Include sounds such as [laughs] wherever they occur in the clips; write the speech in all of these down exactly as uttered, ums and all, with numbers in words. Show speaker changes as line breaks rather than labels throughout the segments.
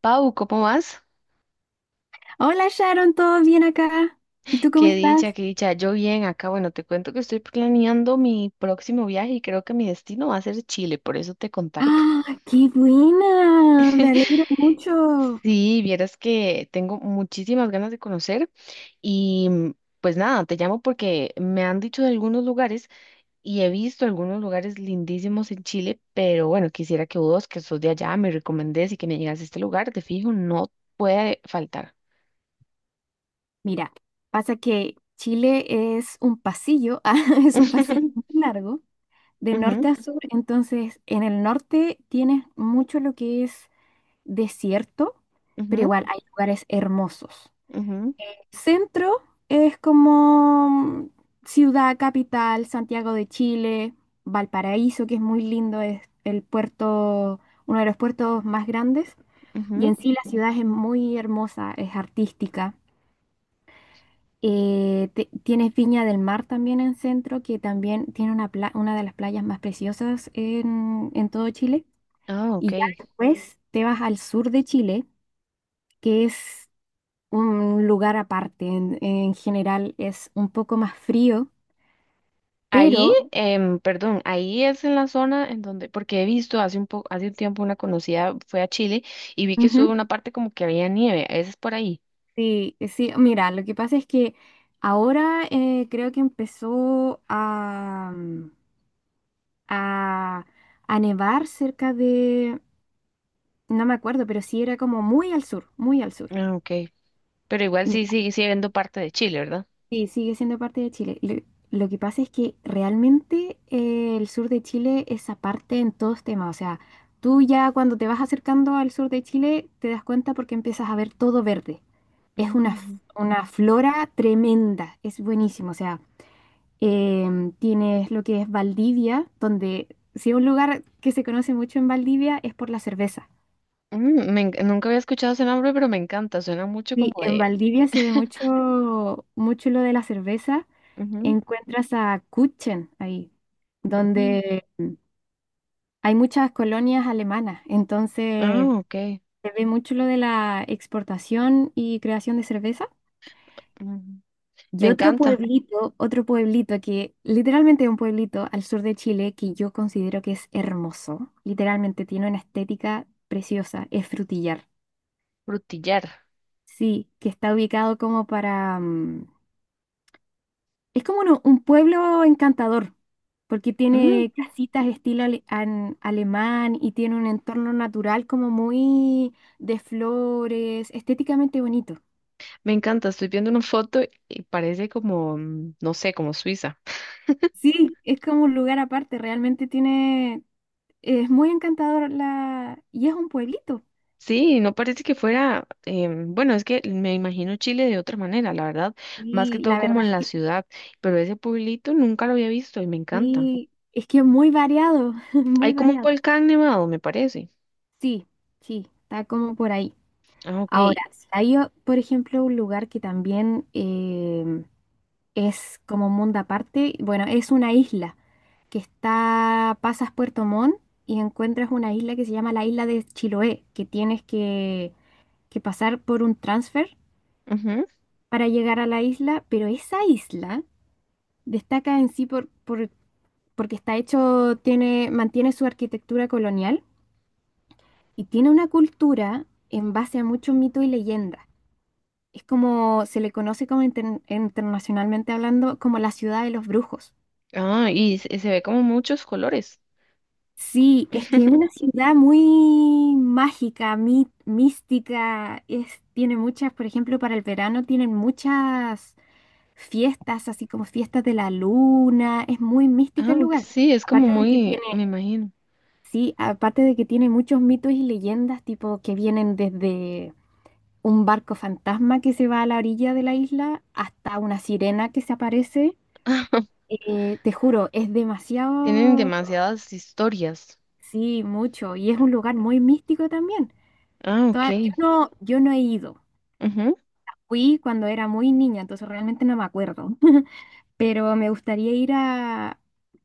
Pau, ¿cómo vas?
Hola Sharon, ¿todo bien acá? ¿Y tú cómo
Qué dicha,
estás?
qué dicha. Yo bien acá. Bueno, te cuento que estoy planeando mi próximo viaje y creo que mi destino va a ser Chile, por eso te contacto.
¡Ah, qué buena! Me alegro
[laughs]
mucho.
Sí, vieras que tengo muchísimas ganas de conocer y mm, pues nada, te llamo porque me han dicho de algunos lugares y he visto algunos lugares lindísimos en Chile, pero bueno, quisiera que vos, que sos de allá, me recomendés y que me llegas a este lugar, de fijo, no puede faltar.
Mira, pasa que Chile es un pasillo, [laughs] ah, es un pasillo muy
[laughs]
largo, de norte
Ujú,
a sur. Entonces, en el norte tienes mucho lo que es desierto, pero
ujú,
igual hay lugares hermosos.
ujú,
Centro es como mm, ciudad capital, Santiago de Chile, Valparaíso, que es muy lindo, es el puerto, uno de los puertos más grandes. Y
ujú.
en sí la ciudad es muy hermosa, es artística. Eh, te- tienes Viña del Mar también en centro, que también tiene una, pla- una de las playas más preciosas en, en todo Chile.
Ah,
Y
ok.
ya después te vas al sur de Chile, que es un lugar aparte. En, en general es un poco más frío,
Ahí,
pero
em, perdón, ahí es en la zona en donde, porque he visto hace un poco, hace un tiempo una conocida fue a Chile y vi que estuvo
ujú,
una parte como que había nieve, esa es por ahí.
sí, sí, mira, lo que pasa es que ahora eh, creo que empezó a, mm, a, a nevar cerca de, no me acuerdo, pero sí era como muy al sur, muy al sur.
Ah, ok. Pero igual sí sigue siendo parte de Chile, ¿verdad?
Sí, sigue siendo parte de Chile. Lo, lo que pasa es que realmente eh, el sur de Chile es aparte en todos temas. O sea, tú ya cuando te vas acercando al sur de Chile te das cuenta porque empiezas a ver todo verde. Es una, f-
Mm,
una flora tremenda, es buenísimo. O sea, em, tienes lo que es Valdivia, donde si hay un lugar que se conoce mucho en Valdivia es por la cerveza.
mm, me enc- nunca había escuchado ese nombre, pero me encanta, suena mucho
Sí,
como
en
de...
Valdivia se ve mucho, mucho lo de la cerveza.
ujú,
Encuentras a Kuchen ahí,
ujú.
donde hay muchas colonias alemanas.
Ah,
Entonces,
ok.
se ve mucho lo de la exportación y creación de cerveza.
Ujú. Me
Y otro
encanta,
pueblito, otro pueblito que literalmente es un pueblito al sur de Chile que yo considero que es hermoso. Literalmente tiene una estética preciosa, es Frutillar.
Frutillar.
Sí, que está ubicado como para mm, es como uno- un pueblo encantador, porque tiene
Mm,
casitas estilo ale- an- alemán y tiene un entorno natural como muy de flores, estéticamente bonito.
me encanta, estoy viendo una foto y parece como, mm, no sé, como Suiza.
Sí, es como un lugar aparte, realmente tiene, es muy encantador la, y es un pueblito.
Sí, no parece que fuera, em, bueno, es que me imagino Chile de otra manera, la verdad, más que
Y
todo
la verdad
como en
es
la
que
ciudad, pero ese pueblito nunca lo había visto y me encanta.
sí, es que es muy variado, [laughs] muy
Hay como un
variado.
volcán nevado, me parece.
Sí, sí, está como por ahí.
Ah, ok.
Ahora, si hay, o- por ejemplo, un lugar que también em, es como un mundo aparte. Bueno, es una isla que está, pasas Puerto Montt y encuentras una isla que se llama la isla de Chiloé, que tienes que, que pasar por un transfer
Ujú.
para llegar a la isla, pero esa isla destaca en sí por, por- porque está hecho, tiene, mantiene su arquitectura colonial y tiene una cultura en base a mucho mito y leyenda. Es como, se le conoce como inter- internacionalmente hablando como la ciudad de los brujos.
Ah, y se, se ve como muchos colores.
Sí, es que es una
[laughs]
ciudad muy mágica, mí- mística, es, tiene muchas, por ejemplo, para el verano tienen muchas fiestas, así como fiestas de la luna, es muy mística
Ah,
el
ok,
lugar.
sí, es como
Aparte de que
muy,
tiene,
me imagino.
sí, aparte de que tiene muchos mitos y leyendas, tipo que vienen desde un barco fantasma que se va a la orilla de la isla hasta una sirena que se aparece. Eh, te juro, es
Tienen
demasiado,
demasiadas historias.
sí, mucho, y es un lugar muy místico también.
Ah, ok.
Toda- yo no, yo no he ido.
Ujú.
Fui cuando era muy niña, entonces realmente no me acuerdo. [laughs] Pero me gustaría ir a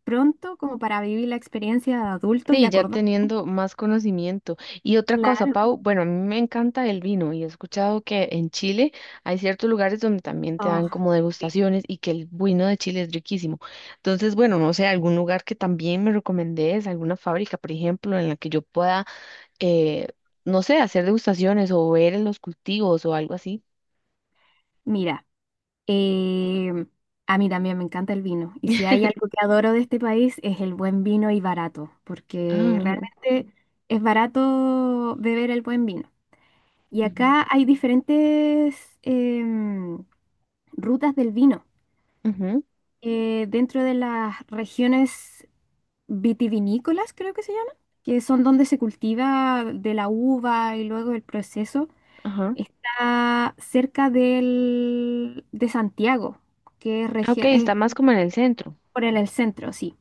pronto como para vivir la experiencia de adulto y
Sí, ya
acordar.
teniendo más conocimiento. Y otra cosa,
Claro.
Pau, bueno, a mí me encanta el vino y he escuchado que en Chile hay ciertos lugares donde también te
Oh,
dan como
sí.
degustaciones y que el vino de Chile es riquísimo. Entonces, bueno, no sé, algún lugar que también me recomendés, alguna fábrica, por ejemplo, en la que yo pueda, eh, no sé, hacer degustaciones o ver en los cultivos o algo así.
Mira, em, a mí también me encanta el vino. Y si hay algo
[laughs]
que adoro de este país es el buen vino y barato,
Ah,
porque
ujú,
realmente es barato beber el buen vino. Y
ujú,
acá hay diferentes em, rutas del vino.
ujú,
Eh, dentro de las regiones vitivinícolas, creo que se llama, que son donde se cultiva de la uva y luego el proceso,
ajá.
está cerca del, de Santiago, que es,
Ah, ok,
región, es
está más como en el centro.
por el, el centro, sí.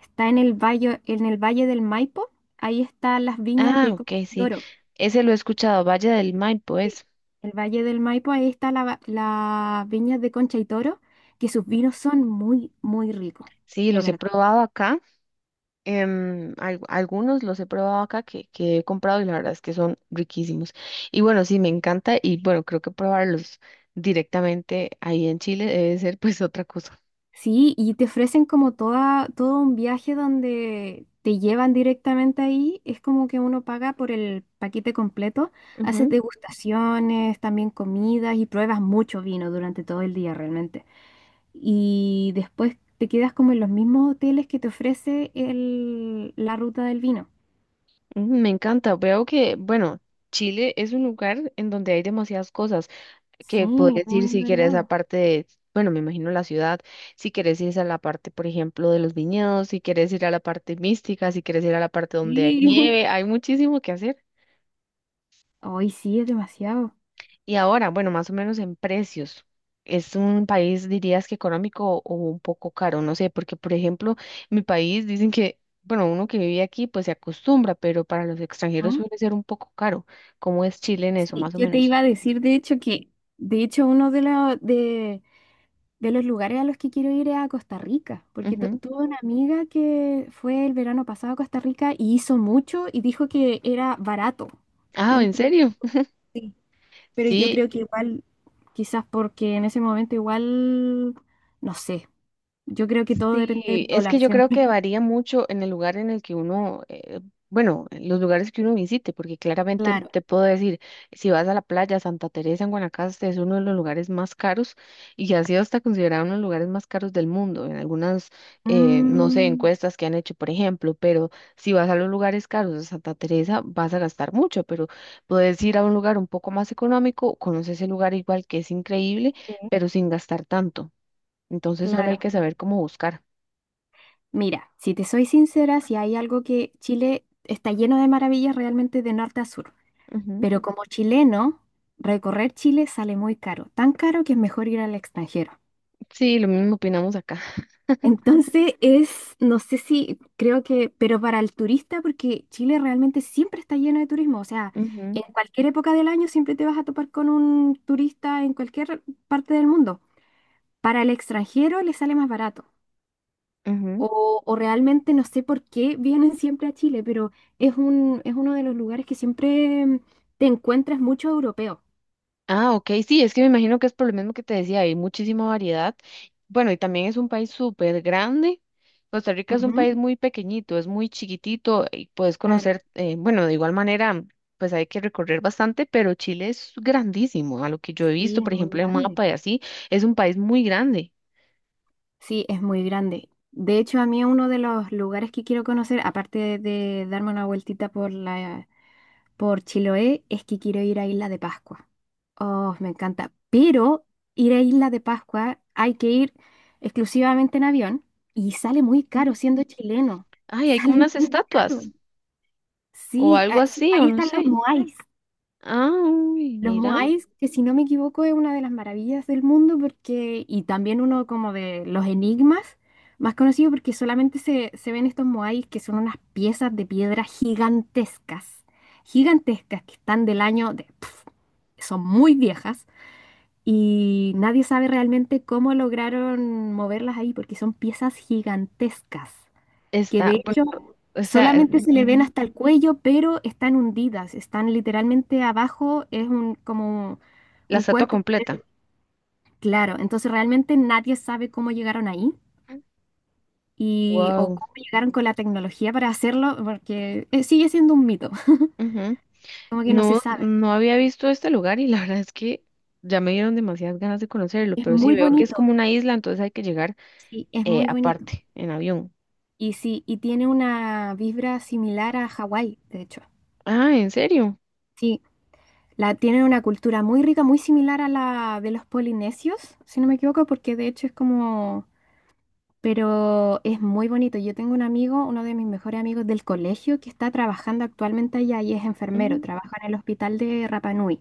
Está en el valle, en el Valle del Maipo, ahí están las viñas
Ah,
de Concha
ok,
y
sí.
Toro.
Ese lo he escuchado, Valle del Maipo,
Sí.
es.
El Valle del Maipo, ahí están la- las viñas de Concha y Toro, que sus vinos son muy, muy ricos,
Sí,
de
los he
verdad.
probado acá. em, al- algunos los he probado acá que, que he comprado y la verdad es que son riquísimos. Y bueno, sí, me encanta y bueno, creo que probarlos directamente ahí en Chile debe ser pues otra cosa.
Sí, y te ofrecen como toda, todo un viaje donde te llevan directamente ahí. Es como que uno paga por el paquete completo. Haces
Ujú,
degustaciones, también comidas y pruebas mucho vino durante todo el día realmente. Y después te quedas como en los mismos hoteles que te ofrece el- la ruta del vino.
ujú, me encanta. Veo que, bueno, Chile es un lugar en donde hay demasiadas cosas que
Sí,
puedes ir
muy
si quieres a
variado.
parte de, bueno, me imagino la ciudad, si quieres ir a la parte, por ejemplo, de los viñedos, si quieres ir a la parte mística, si quieres ir a la parte donde hay
Sí.
nieve,
[laughs]
hay muchísimo que hacer.
Hoy sí, es demasiado.
Y ahora, bueno, más o menos en precios. Es un país, dirías que económico o un poco caro, no sé, porque por ejemplo, mi país dicen que, bueno, uno que vive aquí pues se acostumbra, pero para los extranjeros
¿Mm?
suele ser un poco caro. ¿Cómo es Chile en eso,
Sí,
más o
yo te
menos?
iba a decir, de hecho, que de hecho uno de los de De los lugares a los que quiero ir es a Costa Rica, porque tu-
Ujú.
tuve una amiga que fue el verano pasado a Costa Rica y hizo mucho y dijo que era barato.
Ah, ¿en
Entonces,
serio? [laughs]
sí, pero yo creo
Sí,
que igual, quizás porque en ese momento igual, no sé, yo creo que todo depende
sí,
del
es
dólar
que yo creo
siempre.
que varía mucho en el lugar en el que uno, eh, bueno, en los lugares que uno visite, porque claramente
Claro.
te puedo decir, si vas a la playa Santa Teresa en Guanacaste es uno de los lugares más caros y ha sido hasta considerado uno de los lugares más caros del mundo en algunas, eh, no sé,
Mm,
encuestas que han hecho, por ejemplo, pero si vas a los lugares caros de Santa Teresa vas a gastar mucho, pero puedes ir a un lugar un poco más económico, conoces el lugar igual que es increíble,
sí,
pero sin gastar tanto. Entonces solo hay
claro.
que saber cómo buscar.
Mira, si te soy sincera, si hay algo que Chile está lleno de maravillas realmente de norte a sur.
Ujú.
Pero como chileno, recorrer Chile sale muy caro, tan caro que es mejor ir al extranjero.
Sí, lo mismo opinamos acá.
[laughs] Entonces es, no sé si creo que, pero para el turista, porque Chile realmente siempre está lleno de turismo, o sea,
Ujú,
en cualquier época del año siempre te vas a topar con un turista en cualquier parte del mundo. Para el extranjero le sale más barato.
ujú.
O, o realmente no sé por qué vienen [laughs] siempre a Chile, pero es un, es uno de los lugares que siempre mm, te encuentras mucho europeo.
Ah, ok, sí, es que me imagino que es por lo mismo que te decía, hay muchísima variedad. Bueno, y también es un país súper grande. Costa Rica es un
Ujú,
país muy pequeñito, es muy chiquitito y puedes
claro.
conocer, eh, bueno, de igual manera, pues hay que recorrer bastante, pero Chile es grandísimo, a lo que yo he
Sí,
visto,
es
por
muy
ejemplo, en un
grande.
mapa y así, es un país muy grande.
Sí, es muy grande. De hecho, a mí uno de los lugares que quiero conocer, aparte de darme una vueltita por la, por Chiloé, es que quiero ir a Isla de Pascua. Oh, me encanta. Pero ir a Isla de Pascua hay que ir exclusivamente en avión y sale muy
Ujú.
caro siendo chileno. [laughs]
Ay, hay como
Sale
unas
muy caro.
estatuas o
Sí,
algo
ah, sí,
así, o
ahí
no
están los
sé.
moais.
Ah, uy,
Los
mira.
Moais, que si no me equivoco es una de las maravillas del mundo porque, y también uno como de los enigmas más conocidos porque solamente se, se ven estos Moais que son unas piezas de piedra gigantescas, gigantescas que están del año de, pf, son muy viejas y nadie sabe realmente cómo lograron moverlas ahí porque son piezas gigantescas que
Está,
de
bueno,
hecho
o sea, eh,
solamente se le ven
ujú,
hasta el cuello, pero están hundidas, están literalmente abajo, es un, como
la
un
estatua
cuerpo
completa.
claro. Entonces realmente nadie sabe cómo llegaron ahí y, o
Wow.
cómo llegaron con la tecnología para hacerlo, porque eh, sigue siendo un mito, [laughs]
Ujú.
como que no se
No,
sabe.
no había visto este lugar y la [laughs] verdad es que ya me dieron demasiadas ganas de conocerlo,
Es
pero sí
muy
veo que es
bonito,
como una isla, entonces hay que llegar
sí, es
eh,
muy bonito.
aparte, en avión.
Y sí, y tiene una vibra similar a Hawái, de hecho.
Ah, ¿en serio?
Sí, la, tienen una cultura muy rica, muy similar a la de los polinesios, si no me equivoco, porque de hecho es como pero es muy bonito. Yo tengo un amigo, uno de mis mejores amigos del colegio, que está trabajando actualmente allá y es enfermero,
Ujú,
trabaja en el hospital de Rapa Nui.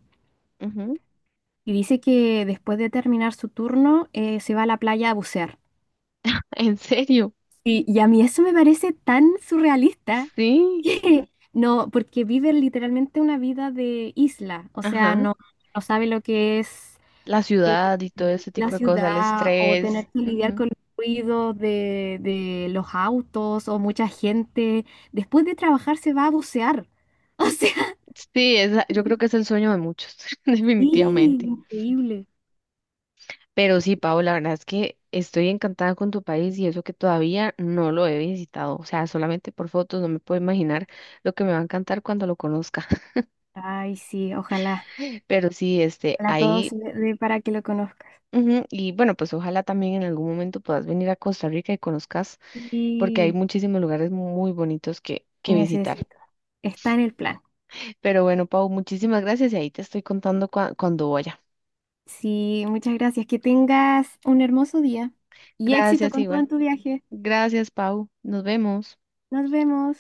ujú.
Y dice que después de terminar su turno eh, se va a la playa a bucear.
[laughs] ¿En serio?
Y, y a mí eso me parece tan surrealista [laughs]
Sí.
que no, porque vive literalmente una vida de isla, o sea,
Ajá.
no, no sabe lo que es.
La
Eh,
ciudad y todo ese
la
tipo de cosas, el
ciudad o
estrés.
tener que lidiar con
Ujú.
el ruido de, de los autos o mucha gente. Después de trabajar se va a bucear. [laughs] O sea,
Sí, esa- yo creo que es el sueño de muchos, [laughs]
sí,
definitivamente.
increíble.
Pero sí, Pau, la verdad es que estoy encantada con tu país y eso que todavía no lo he visitado. O sea, solamente por fotos no me puedo imaginar lo que me va a encantar cuando lo conozca. [laughs]
Ay, sí, ojalá.
Pero sí, este,
Ojalá todo se
ahí,
le dé para que lo conozca.
ujú, y bueno, pues ojalá también en algún momento puedas venir a Costa Rica y conozcas, porque hay
Sí,
muchísimos lugares muy bonitos que, que visitar.
necesito. Está en el plan.
Pero bueno, Pau, muchísimas gracias y ahí te estoy contando. Gracias,
Sí, muchas gracias. Que tengas un hermoso día y éxito
gracias
con todo
igual,
en tu viaje.
Gracias, Pau. Nos vemos.
Nos vemos.